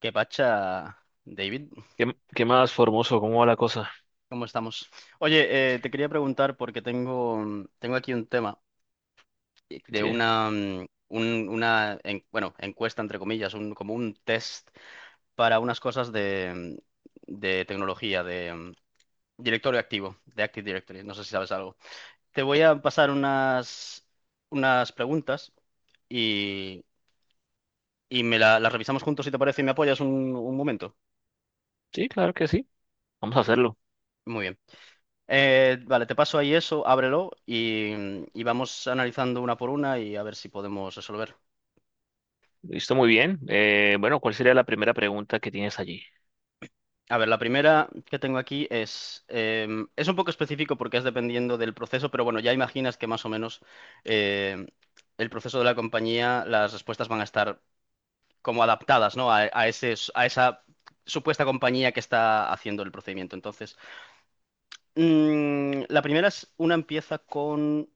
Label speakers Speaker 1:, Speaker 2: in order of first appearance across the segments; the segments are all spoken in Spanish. Speaker 1: ¿Qué pacha, David?
Speaker 2: ¿Qué más, Formoso? ¿Cómo va la cosa?
Speaker 1: ¿Cómo estamos? Oye, te quería preguntar porque tengo, tengo aquí un tema de
Speaker 2: Sí,
Speaker 1: una, encuesta, entre comillas, un, como un test para unas cosas de, de tecnología, de directorio activo, de Active Directory. No sé si sabes algo. Te voy a pasar unas, unas preguntas y, y las revisamos juntos si te parece y me apoyas un momento.
Speaker 2: sí, claro que sí. Vamos a hacerlo.
Speaker 1: Muy bien. Vale, te paso ahí eso, ábrelo y vamos analizando una por una y a ver si podemos resolver.
Speaker 2: Listo, muy bien. Bueno, ¿cuál sería la primera pregunta que tienes allí?
Speaker 1: A ver, la primera que tengo aquí es un poco específico porque es dependiendo del proceso, pero bueno, ya imaginas que más o menos eh, el proceso de la compañía, las respuestas van a estar como adaptadas, ¿no? A ese, a esa supuesta compañía que está haciendo el procedimiento. Entonces, la primera es, una empieza con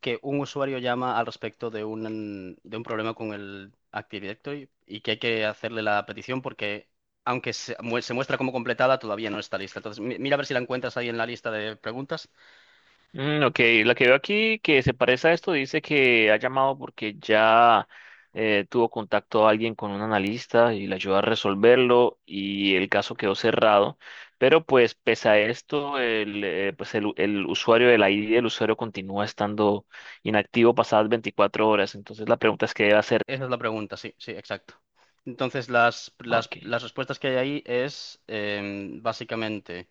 Speaker 1: que un usuario llama al respecto de un problema con el Active Directory y que hay que hacerle la petición porque, aunque se, se muestra como completada, todavía no está lista. Entonces, mira a ver si la encuentras ahí en la lista de preguntas.
Speaker 2: Mm, ok, la que veo aquí que se parece a esto dice que ha llamado porque ya tuvo contacto a alguien con un analista y le ayudó a resolverlo y el caso quedó cerrado. Pero pues pese a esto, el usuario de la ID el usuario continúa estando inactivo pasadas 24 horas. Entonces la pregunta es qué debe hacer.
Speaker 1: Esa es la pregunta, sí, sí, exacto. Entonces,
Speaker 2: Ok.
Speaker 1: las respuestas que hay ahí es básicamente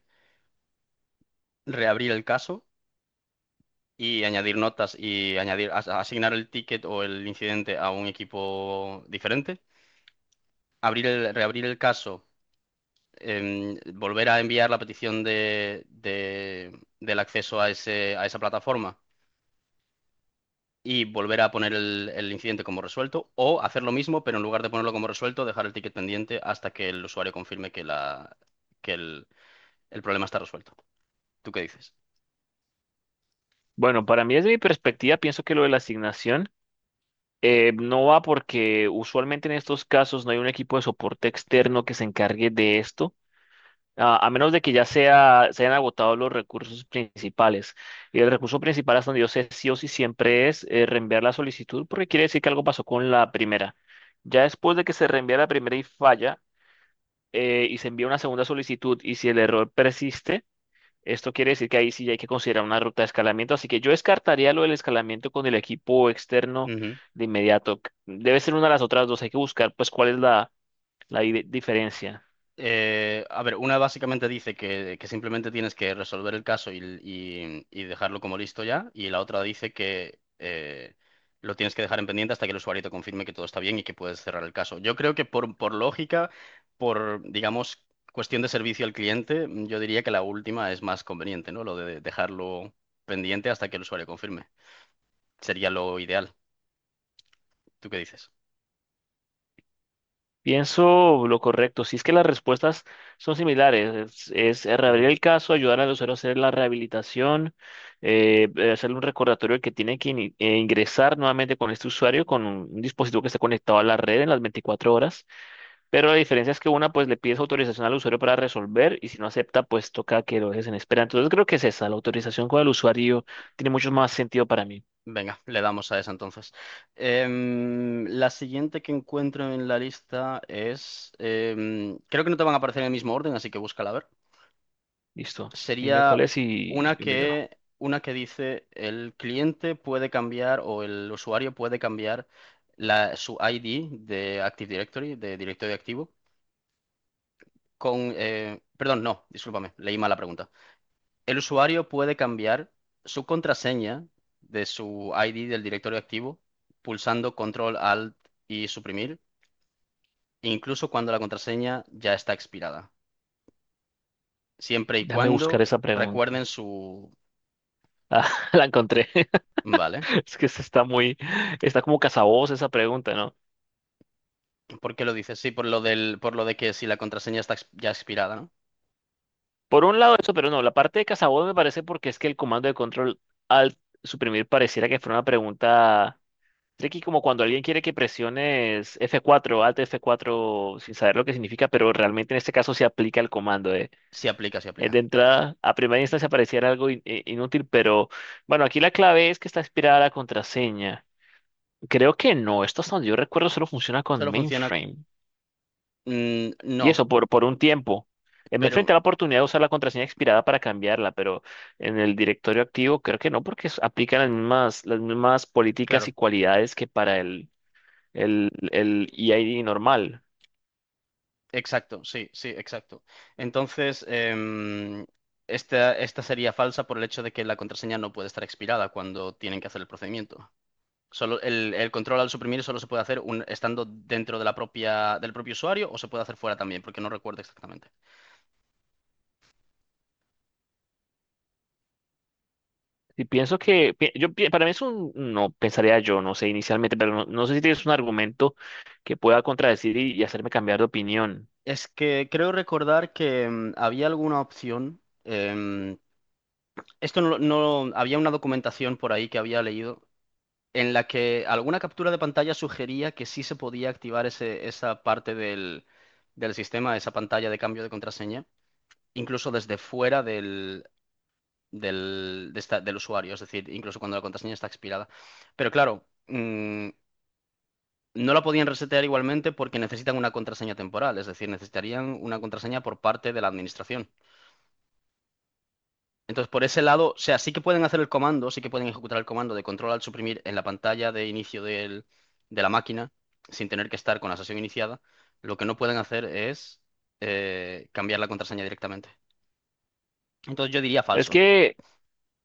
Speaker 1: reabrir el caso y añadir notas y añadir, asignar el ticket o el incidente a un equipo diferente, abrir el, reabrir el caso volver a enviar la petición de, del acceso a ese, a esa plataforma y volver a poner el incidente como resuelto, o hacer lo mismo, pero en lugar de ponerlo como resuelto, dejar el ticket pendiente hasta que el usuario confirme que, la, que el problema está resuelto. ¿Tú qué dices?
Speaker 2: Bueno, para mí desde mi perspectiva, pienso que lo de la asignación no va porque usualmente en estos casos no hay un equipo de soporte externo que se encargue de esto, a menos de que ya sea, se hayan agotado los recursos principales. Y el recurso principal hasta donde yo sé sí o sí siempre es reenviar la solicitud porque quiere decir que algo pasó con la primera. Ya después de que se reenvía la primera y falla y se envía una segunda solicitud y si el error persiste esto quiere decir que ahí sí hay que considerar una ruta de escalamiento, así que yo descartaría lo del escalamiento con el equipo externo
Speaker 1: Ujú.
Speaker 2: de inmediato. Debe ser una de las otras dos, hay que buscar pues cuál es la diferencia.
Speaker 1: A ver, una básicamente dice que simplemente tienes que resolver el caso y, y dejarlo como listo ya, y la otra dice que lo tienes que dejar en pendiente hasta que el usuario te confirme que todo está bien y que puedes cerrar el caso. Yo creo que por lógica, por, digamos, cuestión de servicio al cliente, yo diría que la última es más conveniente, ¿no? Lo de dejarlo pendiente hasta que el usuario confirme. Sería lo ideal. ¿Tú qué dices?
Speaker 2: Pienso lo correcto, si es que las respuestas son similares, es reabrir el caso, ayudar al usuario a hacer la rehabilitación, hacerle un recordatorio de que tiene que ingresar nuevamente con este usuario, con un dispositivo que esté conectado a la red en las 24 horas. Pero la diferencia es que una, pues le pides autorización al usuario para resolver y si no acepta, pues toca que lo dejes en espera. Entonces creo que es esa, la autorización con el usuario tiene mucho más sentido para mí.
Speaker 1: Venga, le damos a esa entonces. La siguiente que encuentro en la lista es, creo que no te van a aparecer en el mismo orden, así que búscala a ver.
Speaker 2: Listo. Dime
Speaker 1: Sería
Speaker 2: cuál es y yo miro.
Speaker 1: una que dice el cliente puede cambiar o el usuario puede cambiar la, su ID de Active Directory, de directorio activo, con, perdón, no, discúlpame, leí mal la pregunta. El usuario puede cambiar su contraseña de su ID del directorio activo pulsando Control Alt y suprimir, incluso cuando la contraseña ya está expirada. Siempre y
Speaker 2: Déjame buscar
Speaker 1: cuando
Speaker 2: esa pregunta.
Speaker 1: recuerden su...
Speaker 2: Ah, la encontré.
Speaker 1: Vale.
Speaker 2: Es que esta está muy, está como cazaboz esa pregunta, ¿no?
Speaker 1: ¿Por qué lo dices? Sí, por lo del, por lo de que si la contraseña está ya expirada, ¿no?
Speaker 2: Por un lado eso, pero no, la parte de cazaboz me parece porque es que el comando de control al suprimir pareciera que fuera una pregunta Tricky como cuando alguien quiere que presiones F4, Alt F4, sin saber lo que significa, pero realmente en este caso se aplica el comando.
Speaker 1: Sí aplica, sí aplica.
Speaker 2: De entrada, a primera instancia pareciera algo inútil, pero bueno, aquí la clave es que está inspirada la contraseña. Creo que no, esto hasta donde yo recuerdo solo funciona con
Speaker 1: Solo funciona...
Speaker 2: mainframe.
Speaker 1: mm,
Speaker 2: Y
Speaker 1: no,
Speaker 2: eso por un tiempo. Me enfrenté
Speaker 1: pero
Speaker 2: a la oportunidad de usar la contraseña expirada para cambiarla, pero en el directorio activo creo que no, porque aplican las mismas políticas
Speaker 1: claro.
Speaker 2: y cualidades que para el el EID normal.
Speaker 1: Exacto, sí, sí, exacto. Entonces, esta, esta sería falsa por el hecho de que la contraseña no puede estar expirada cuando tienen que hacer el procedimiento. Solo el control al suprimir solo se puede hacer estando dentro de la propia, del propio usuario o se puede hacer fuera también, porque no recuerdo exactamente.
Speaker 2: Y pienso que, yo, para mí es un, no, pensaría yo, no sé inicialmente, pero no sé si tienes un argumento que pueda contradecir y hacerme cambiar de opinión.
Speaker 1: Es que creo recordar que había alguna opción. Esto no, no había una documentación por ahí que había leído en la que alguna captura de pantalla sugería que sí se podía activar esa parte del, del sistema, esa pantalla de cambio de contraseña, incluso desde fuera del, del, del usuario, es decir, incluso cuando la contraseña está expirada. Pero claro, no la podían resetear igualmente porque necesitan una contraseña temporal, es decir, necesitarían una contraseña por parte de la administración. Entonces, por ese lado, o sea, sí que pueden hacer el comando, sí que pueden ejecutar el comando de control al suprimir en la pantalla de inicio de la máquina, sin tener que estar con la sesión iniciada. Lo que no pueden hacer es cambiar la contraseña directamente. Entonces, yo diría
Speaker 2: Es
Speaker 1: falso.
Speaker 2: que,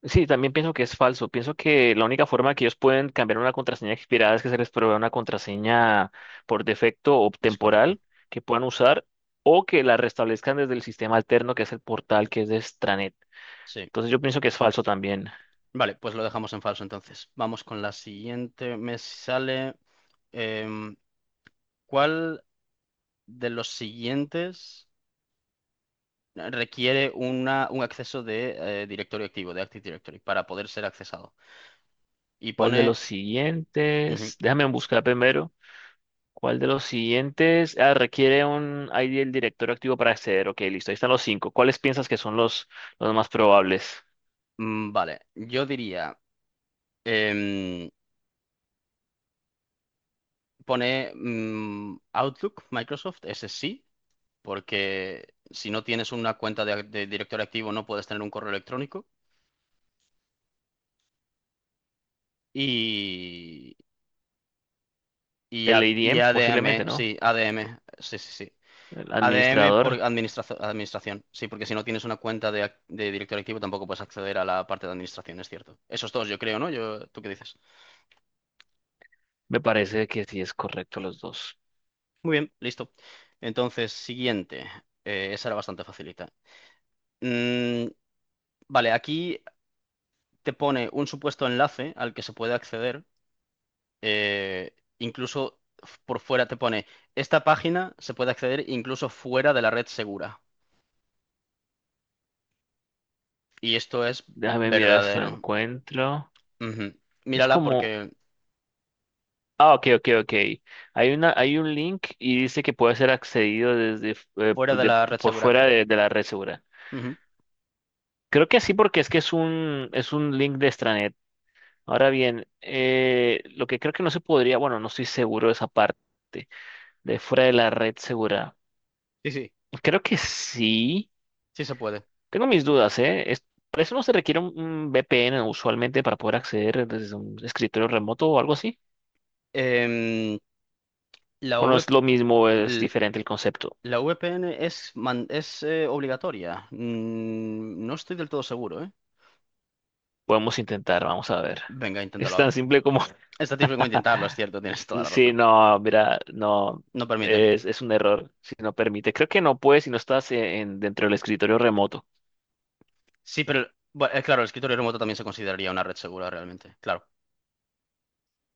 Speaker 2: sí, también pienso que es falso. Pienso que la única forma que ellos pueden cambiar una contraseña expirada es que se les provea una contraseña por defecto o
Speaker 1: Es correcto.
Speaker 2: temporal que puedan usar o que la restablezcan desde el sistema alterno que es el portal que es de Stranet.
Speaker 1: Sí.
Speaker 2: Entonces yo pienso que es falso también.
Speaker 1: Vale, pues lo dejamos en falso entonces. Vamos con la siguiente. Me sale. em, ¿Cuál de los siguientes requiere una, un acceso de directorio activo, de Active Directory, para poder ser accesado? Y
Speaker 2: ¿Cuál de los
Speaker 1: pone. Ujú.
Speaker 2: siguientes? Déjame buscar primero. ¿Cuál de los siguientes? Ah, requiere un ID del director activo para acceder. Ok, listo. Ahí están los cinco. ¿Cuáles piensas que son los más probables?
Speaker 1: Vale, yo diría, em, pone Outlook, Microsoft, ese sí, porque si no tienes una cuenta de directorio activo no puedes tener un correo electrónico. Y, y,
Speaker 2: El
Speaker 1: Y
Speaker 2: ADM,
Speaker 1: ADM,
Speaker 2: posiblemente, ¿no?
Speaker 1: sí, ADM, sí, sí, sí.
Speaker 2: El
Speaker 1: ADM por
Speaker 2: administrador.
Speaker 1: administración, sí, porque si no tienes una cuenta de, de directorio activo tampoco puedes acceder a la parte de administración, es cierto. Esos dos, yo creo, ¿no? Yo, ¿tú qué dices?
Speaker 2: Me parece que sí es correcto los dos.
Speaker 1: Muy bien, listo. Entonces, siguiente. Esa era bastante facilita. Mm, vale, aquí te pone un supuesto enlace al que se puede acceder. Incluso por fuera te pone, esta página se puede acceder incluso fuera de la red segura. Y esto es
Speaker 2: Déjame mirar si lo
Speaker 1: verdadero.
Speaker 2: encuentro.
Speaker 1: Ujú.
Speaker 2: Es
Speaker 1: Mírala
Speaker 2: como.
Speaker 1: porque
Speaker 2: Ah, ok, ok, ok. Hay un link y dice que puede ser accedido desde
Speaker 1: fuera de la red
Speaker 2: por
Speaker 1: segura.
Speaker 2: fuera de la red segura.
Speaker 1: Ujú.
Speaker 2: Creo que sí, porque es que es un link de extranet. Ahora bien, lo que creo que no se podría, bueno, no estoy seguro de esa parte, de fuera de la red segura.
Speaker 1: Sí, sí,
Speaker 2: Creo que sí,
Speaker 1: sí se puede.
Speaker 2: tengo mis dudas, ¿eh? Para eso no se requiere un VPN usualmente para poder acceder desde un escritorio remoto o algo así.
Speaker 1: Em, la
Speaker 2: ¿O no
Speaker 1: V-
Speaker 2: es lo mismo, es
Speaker 1: l-
Speaker 2: diferente el concepto?
Speaker 1: la VPN es, es obligatoria. Mm, no estoy del todo seguro, ¿eh?
Speaker 2: Podemos intentar, vamos a ver.
Speaker 1: Venga,
Speaker 2: Es
Speaker 1: inténtalo a ver.
Speaker 2: tan simple como...
Speaker 1: Esta tiene que intentarlo, es cierto, tienes toda la
Speaker 2: Sí,
Speaker 1: razón.
Speaker 2: no, mira, no,
Speaker 1: No permite.
Speaker 2: es un error si no permite. Creo que no puedes si no estás en, dentro del escritorio remoto.
Speaker 1: Sí, pero bueno, claro, el escritorio remoto también se consideraría una red segura realmente. Claro,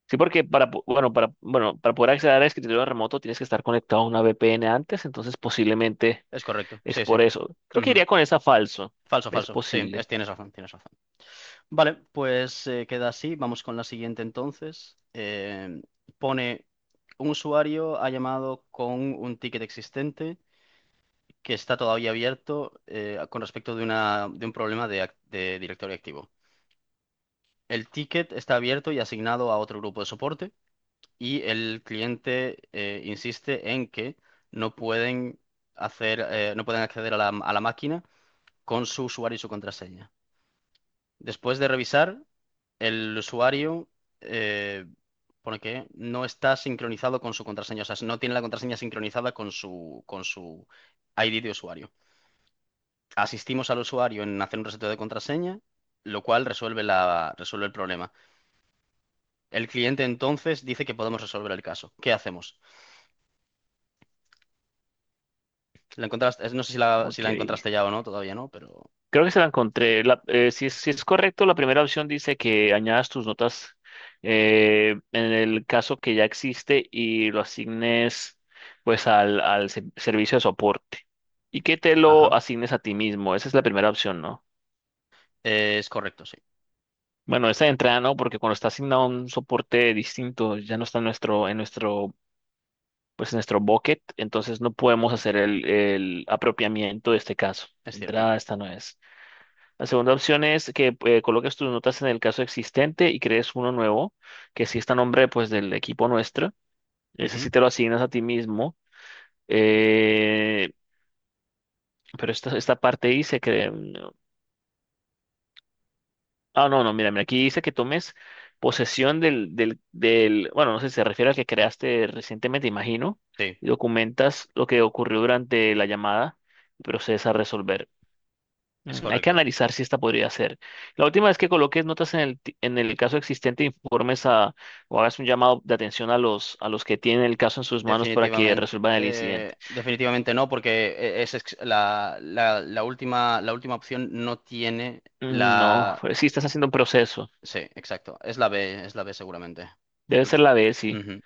Speaker 2: Sí, porque para, bueno, para, bueno, para poder acceder a escritorio remoto tienes que estar conectado a una VPN antes, entonces posiblemente
Speaker 1: es correcto.
Speaker 2: es
Speaker 1: Sí,
Speaker 2: por
Speaker 1: sí.
Speaker 2: eso. Creo que
Speaker 1: Ujú.
Speaker 2: iría con esa falso.
Speaker 1: Falso,
Speaker 2: Es
Speaker 1: falso. Sí,
Speaker 2: posible.
Speaker 1: tienes razón, tienes razón. Vale, pues queda así. Vamos con la siguiente entonces. Pone, un usuario ha llamado con un ticket existente que está todavía abierto con respecto de, una, de un problema de, de directorio activo. El ticket está abierto y asignado a otro grupo de soporte. Y el cliente insiste en que no pueden hacer, no pueden acceder a la máquina con su usuario y su contraseña. Después de revisar, el usuario eh, pone que no está sincronizado con su contraseña, o sea, no tiene la contraseña sincronizada con su ID de usuario. Asistimos al usuario en hacer un reseteo de contraseña, lo cual resuelve la, resuelve el problema. El cliente entonces dice que podemos resolver el caso. ¿Qué hacemos? La encontraste, no sé si la, si
Speaker 2: Ok.
Speaker 1: la encontraste ya o no, todavía no, pero...
Speaker 2: Creo que se la encontré. Si es correcto, la primera opción dice que añadas tus notas en el caso que ya existe y lo asignes pues al servicio de soporte y que te lo
Speaker 1: Ajá.
Speaker 2: asignes a ti mismo. Esa es la primera opción, ¿no?
Speaker 1: Es correcto, sí.
Speaker 2: Bueno, esta de entrada no, porque cuando está asignado a un soporte distinto, ya no está en nuestro, pues en nuestro bucket, entonces no podemos hacer el apropiamiento de este caso.
Speaker 1: Es
Speaker 2: De
Speaker 1: cierto.
Speaker 2: entrada, esta no es. La segunda opción es que coloques tus notas en el caso existente y crees uno nuevo, que sí está a nombre pues del equipo nuestro. Ese
Speaker 1: Ujú,
Speaker 2: sí te lo asignas a ti mismo. Eh, pero esta parte dice que... Ah, no, no, mira, mira, aquí dice que tomes posesión bueno, no sé si se refiere al que creaste recientemente, imagino,
Speaker 1: sí,
Speaker 2: y documentas lo que ocurrió durante la llamada y procedes a resolver.
Speaker 1: es
Speaker 2: Hay que
Speaker 1: correcto.
Speaker 2: analizar si esta podría ser. La última es que coloques notas en en el caso existente, informes a, o hagas un llamado de atención a a los que tienen el caso en sus manos para que resuelvan el incidente.
Speaker 1: Definitivamente, definitivamente no, porque la última opción no tiene
Speaker 2: No,
Speaker 1: la...
Speaker 2: pues sí, estás haciendo un proceso.
Speaker 1: Sí, exacto. Es la B seguramente.
Speaker 2: Debe
Speaker 1: Porque-
Speaker 2: ser la B, sí.
Speaker 1: ujú.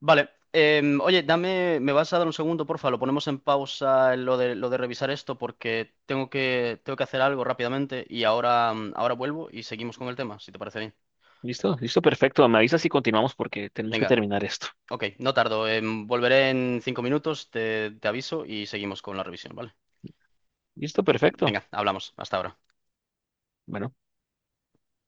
Speaker 1: Vale. Oye, dame, me vas a dar un segundo, porfa, lo ponemos en pausa en lo de revisar esto porque tengo que hacer algo rápidamente y ahora, ahora vuelvo y seguimos con el tema, si te parece bien.
Speaker 2: ¿Listo? Listo, perfecto. Me avisas si continuamos porque tenemos que
Speaker 1: Venga,
Speaker 2: terminar esto.
Speaker 1: ok, no tardo, volveré en 5 minutos, te, te aviso y seguimos con la revisión, ¿vale?
Speaker 2: Listo, perfecto.
Speaker 1: Venga, hablamos, hasta ahora.
Speaker 2: Bueno.